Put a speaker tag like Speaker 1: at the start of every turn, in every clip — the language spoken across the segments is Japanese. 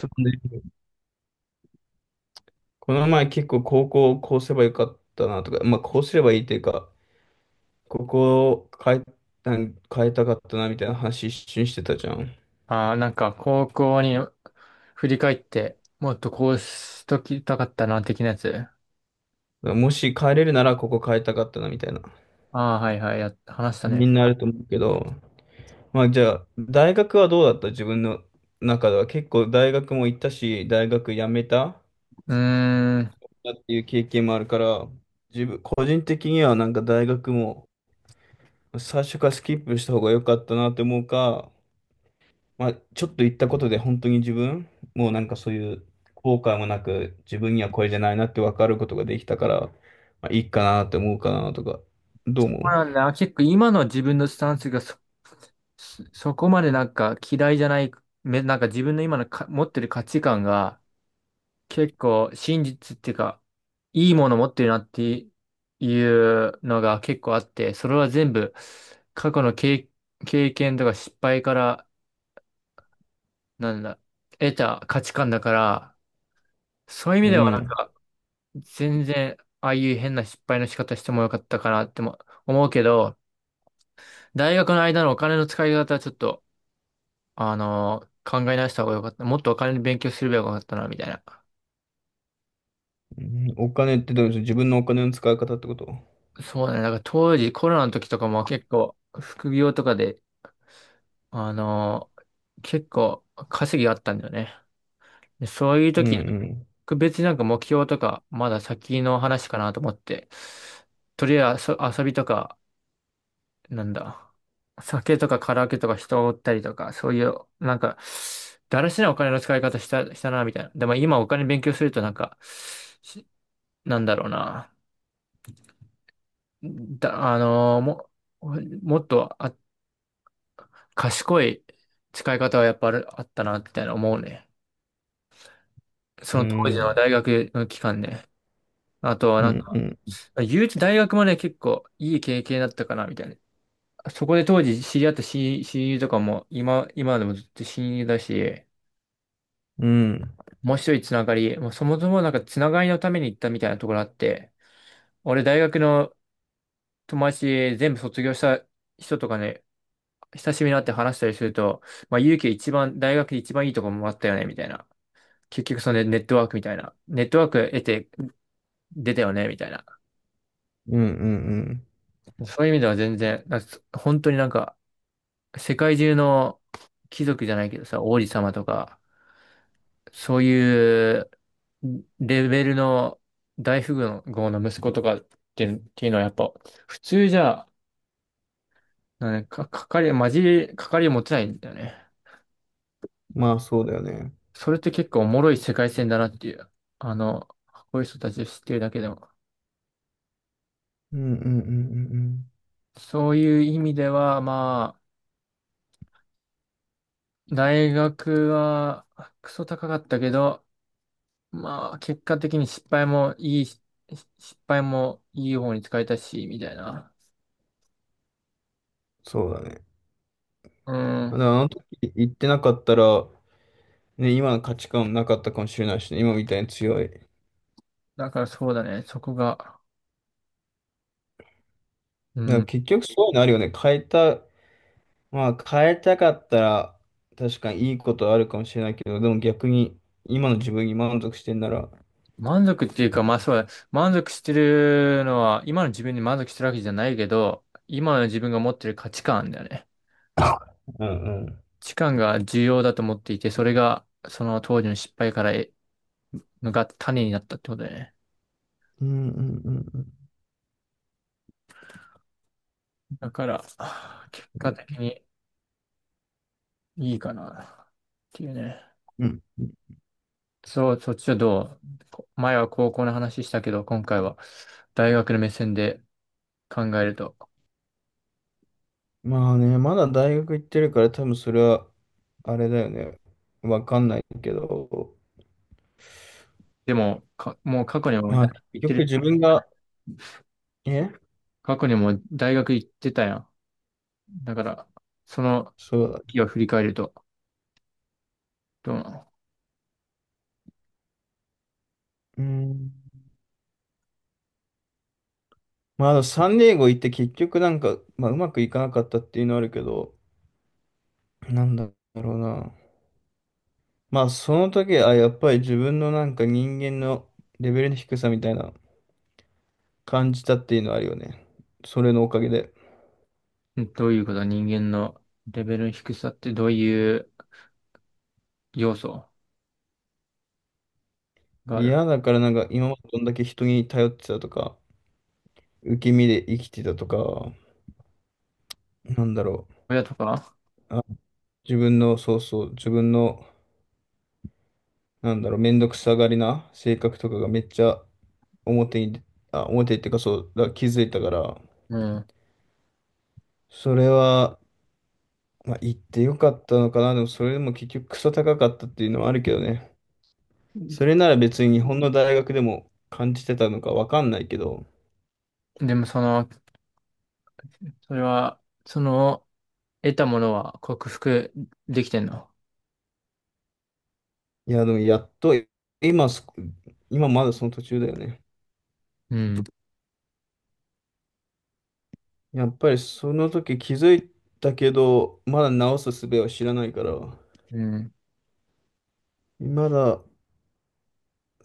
Speaker 1: そうね。この前結構高校こうすればよかったなとか、まあこうすればいいというか、ここを変え、なん変えたかったなみたいな話一瞬してたじゃん。だか
Speaker 2: ああ、なんか高校に振り返って、もっとこうしときたかったな、的なやつ。
Speaker 1: らもし変えれるならここ変えたかったなみたいな。
Speaker 2: ああ、はいはい、や、話した
Speaker 1: み
Speaker 2: ね。
Speaker 1: んなあると思うけど、まあじゃあ大学はどうだった？自分の中では結構大学も行ったし、大学辞めたっ
Speaker 2: うーん。
Speaker 1: ていう経験もあるから、自分、個人的にはなんか大学も最初からスキップした方が良かったなって思うか、まあ、ちょっと言ったことで本当に自分、もうなんかそういう後悔もなく、自分にはこれじゃないなって分かることができたから、まあ、いいかなって思うかなとか、ど
Speaker 2: そ
Speaker 1: う思
Speaker 2: うなんだ。結構今の自分のスタンスが、そこまでなんか嫌いじゃない、なんか自分の今のか持ってる価値観が結構真実っていうか、いいもの持ってるなっていうのが結構あって、それは全部過去の経験とか失敗から、なんだ、得た価値観だから、そういう意
Speaker 1: う？
Speaker 2: 味
Speaker 1: う
Speaker 2: ではなん
Speaker 1: ん。
Speaker 2: か、全然、ああいう変な失敗の仕方してもよかったかなっても思うけど、大学の間のお金の使い方はちょっと、考え直した方がよかった。もっとお金の勉強すればよかったな、みたいな。
Speaker 1: うん。お金ってどういうこと？自分のお金の使い方ってこと？
Speaker 2: そうだね。なんか当時、コロナの時とかも結構、副業とかで、あのー結構稼ぎがあったんだよね。でそういう
Speaker 1: う
Speaker 2: 時、
Speaker 1: ん
Speaker 2: 別になんか目標とか、まだ先の話かなと思って、とりあえず遊びとか、なんだ、酒とかカラオケとか人を追ったりとか、そういう、なんか、だらしないお金の使い方したな、みたいな。でも今お金勉強するとなんか、しなんだろうな、だ、あのーも、もっと賢い使い方はやっぱあったな、みたいな思うね。そ
Speaker 1: う
Speaker 2: の当
Speaker 1: ん。う
Speaker 2: 時の
Speaker 1: ん。
Speaker 2: 大学の期間ね。あとは
Speaker 1: う
Speaker 2: なんか、
Speaker 1: んうん
Speaker 2: 言うて大学もね、結構いい経験だったかな、みたいな。そこで当時知り合った親友とかも今でもずっと親友だし、
Speaker 1: うん。
Speaker 2: 面白いつながり。もうそもそもなんかつながりのために行ったみたいなところあって、俺大学の友達全部卒業した人とかね、久しぶりに会って話したりすると、まあ、勇気一番、大学で一番いいとこもあったよね、みたいな。結局そのねネットワークみたいな。ネットワーク得て出たよね、みたいな。
Speaker 1: うんうんうん。
Speaker 2: そういう意味では全然、なんか本当になんか、世界中の貴族じゃないけどさ、王子様とか、そういうレベルの大富豪の息子とかっていうのはやっぱ普通じゃ、なんか、かかり、まじり、かかり持てないんだよね。
Speaker 1: まあそうだよね。
Speaker 2: それって結構おもろい世界線だなっていう。あの、こういう人たちを知ってるだけでも。
Speaker 1: うんうんうんうんうん。
Speaker 2: そういう意味では、まあ、大学はクソ高かったけど、まあ、結果的に失敗もいいし、失敗もいい方に使えたし、みたいな。
Speaker 1: そうだね。
Speaker 2: う
Speaker 1: だ
Speaker 2: ん。
Speaker 1: からあの時言ってなかったら、ね、今の価値観なかったかもしれないしね、今みたいに強い。
Speaker 2: だからそうだね。そこが。う
Speaker 1: なんか
Speaker 2: ん。
Speaker 1: 結局そういうのあるよね。変えた、まあ変えたかったら確かにいいことあるかもしれないけど、でも逆に今の自分に満足してんなら、
Speaker 2: 満足っていうか、まあそうだ。満足してるのは、今の自分に満足してるわけじゃないけど、今の自分が持ってる価値観だよね。
Speaker 1: うんうん。
Speaker 2: 価値観が重要だと思っていて、それが、その当時の失敗からのが種になったってことだよね。
Speaker 1: うんうんうん
Speaker 2: だから、結果的にいいかな。っていうね。
Speaker 1: うん。うん。
Speaker 2: そう、そっちはどう？こ前は高校の話したけど、今回は大学の目線で考えると。
Speaker 1: まあね、まだ大学行ってるから多分それはあれだよね。わかんないけど、
Speaker 2: でも、もう過去にも大
Speaker 1: まあ結
Speaker 2: 学行って
Speaker 1: 局
Speaker 2: る。
Speaker 1: 自分が、え
Speaker 2: 過去にも大学行ってたやん。だから、その
Speaker 1: そうだ。
Speaker 2: 時を振り返ると、どうな
Speaker 1: うん。まああのサンディエゴ行って結局なんか、まあうまくいかなかったっていうのはあるけど、なんだろうな。まあ、その時、あ、やっぱり自分のなんか人間のレベルの低さみたいな感じたっていうのはあるよね。それのおかげで。
Speaker 2: の？どういうこと？人間のレベルの低さってどういう要素がある？
Speaker 1: 嫌だからなんか今までどんだけ人に頼ってたとか、受け身で生きてたとか、なんだろ
Speaker 2: 親とか？
Speaker 1: う。あ、自分の、そうそう、自分の、なんだろう、めんどくさがりな性格とかがめっちゃ表に、あ、表っていうかそう、だ、気づいたから、
Speaker 2: うん。
Speaker 1: それは、まあ、言ってよかったのかな。でもそれでも結局クソ高かったっていうのはあるけどね。それなら別に日本の大学でも感じてたのかわかんないけど、
Speaker 2: でもその、それは、その、得たものは克服できてんの？
Speaker 1: いや、でもやっと、今そ、今まだその途中だよね。
Speaker 2: うん。
Speaker 1: やっぱりその時気づいたけど、まだ直す術を知らないから、
Speaker 2: うん。
Speaker 1: まだ、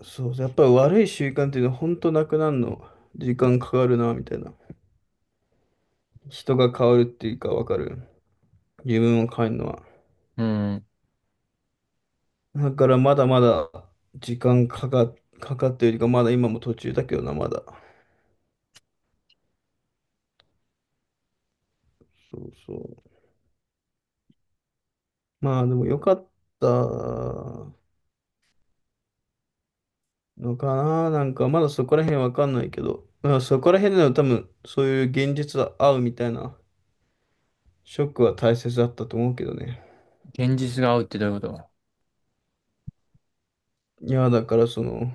Speaker 1: そう、やっぱり悪い習慣っていうのは本当なくなるの、時間かかるな、みたいな。人が変わるっていうかわかる。自分を変えるのは。
Speaker 2: うん。
Speaker 1: だからまだまだ時間かかってるよりか、まだ今も途中だけどな、まだ。そうそう。まあでも良かったのかな。なんかまだそこら辺わかんないけど、まあそこら辺での多分そういう現実は合うみたいなショックは大切だったと思うけどね。
Speaker 2: 現実が合うってどういうこと？
Speaker 1: いや、だからその、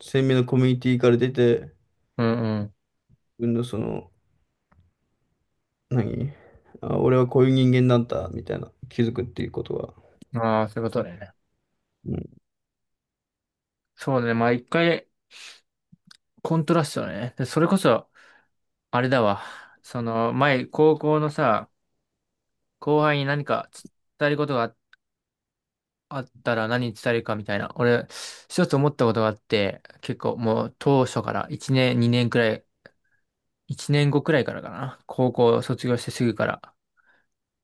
Speaker 1: 鮮明なコミュニティから出て、自
Speaker 2: うん
Speaker 1: 分のその、何俺はこういう人間なんだ、みたいな気づくっていうことは。
Speaker 2: うん。ああ、そういうことだよね。
Speaker 1: うん。
Speaker 2: そうね。まあ一回、コントラストだね。で、それこそ、あれだわ。その、前、高校のさ、後輩に何か伝えることがあったら何伝えるかみたいな。俺、一つ思ったことがあって、結構もう当初から1年、2年くらい、1年後くらいからかな。高校卒業してすぐから。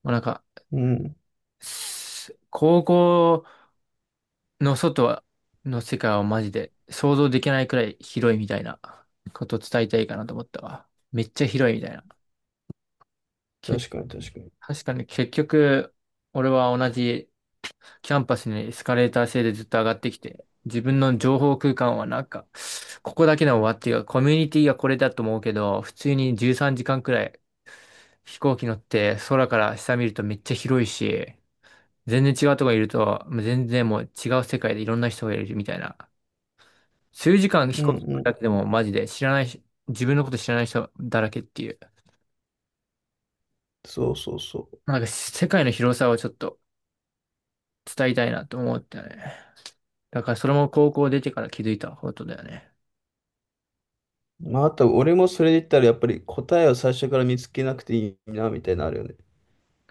Speaker 2: もうなんか、
Speaker 1: うん。
Speaker 2: 高校の外の世界はマジで想像できないくらい広いみたいなことを伝えたいかなと思ったわ。めっちゃ広いみたいな。け、
Speaker 1: 確かに確かに。
Speaker 2: 確かに結局、俺は同じキャンパスにエスカレーター制でずっと上がってきて、自分の情報空間はなんか、ここだけの終わっていうか、コミュニティがこれだと思うけど、普通に13時間くらい飛行機乗って空から下見るとめっちゃ広いし、全然違うとこにいると、もう全然もう違う世界でいろんな人がいるみたいな。数時間飛
Speaker 1: うん
Speaker 2: 行
Speaker 1: う
Speaker 2: 機
Speaker 1: ん。
Speaker 2: だけでもマジで知らないし、自分のこと知らない人だらけっていう。
Speaker 1: そうそうそう。
Speaker 2: なんか世界の広さをちょっと伝えたいなと思ったね。だからそれも高校出てから気づいたことだよね。
Speaker 1: まああと俺もそれで言ったらやっぱり答えを最初から見つけなくていいな、みたいなのあるよね。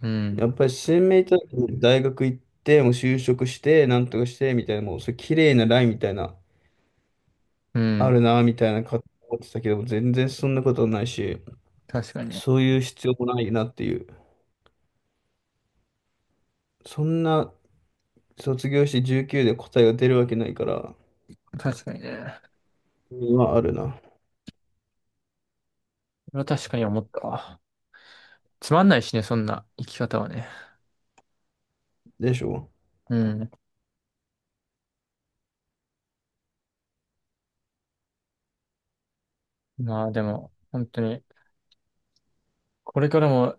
Speaker 2: うん。
Speaker 1: やっぱり新明と大学行って、もう就職して、なんとかして、みたいな、もう、それ綺麗なラインみたいな、
Speaker 2: う
Speaker 1: あ
Speaker 2: ん。
Speaker 1: るな、みたいな、か思ってたけども、全然そんなことないし、
Speaker 2: 確かに。
Speaker 1: そういう必要もないなっていう。そんな、卒業して19で答えが出るわけないから、
Speaker 2: 確かにね。
Speaker 1: 今あるな。
Speaker 2: それは確かに思ったわ。つまんないしね、そんな生き方はね。
Speaker 1: でしょ？
Speaker 2: うん。まあでも、本当に、これからも、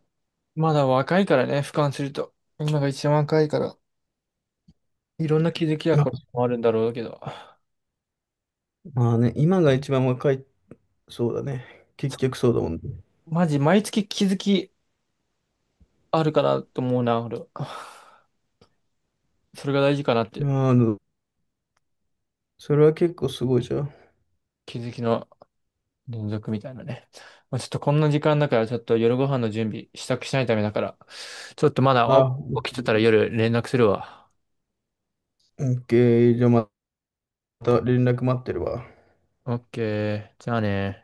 Speaker 2: まだ若いからね、俯瞰すると。今が一番若いから、いろんな気づきは
Speaker 1: ま
Speaker 2: これ
Speaker 1: あ
Speaker 2: もあるんだろうけど。
Speaker 1: まあね、今が一番若い、そうだね。結局そうだもんね。
Speaker 2: マジ、毎月気づきあるかなと思うな、俺は。それが大事かなって。
Speaker 1: まああ、それは結構すごいじゃん。
Speaker 2: 気づきの連続みたいなね。まあ、ちょっとこんな時間だから、ちょっと夜ご飯の準備、支度しないためだから、ちょっとまだ、
Speaker 1: あ、
Speaker 2: 起きてたら夜連絡するわ。
Speaker 1: オッケー。じゃあまた連絡待ってるわ。
Speaker 2: オッケー。じゃあね。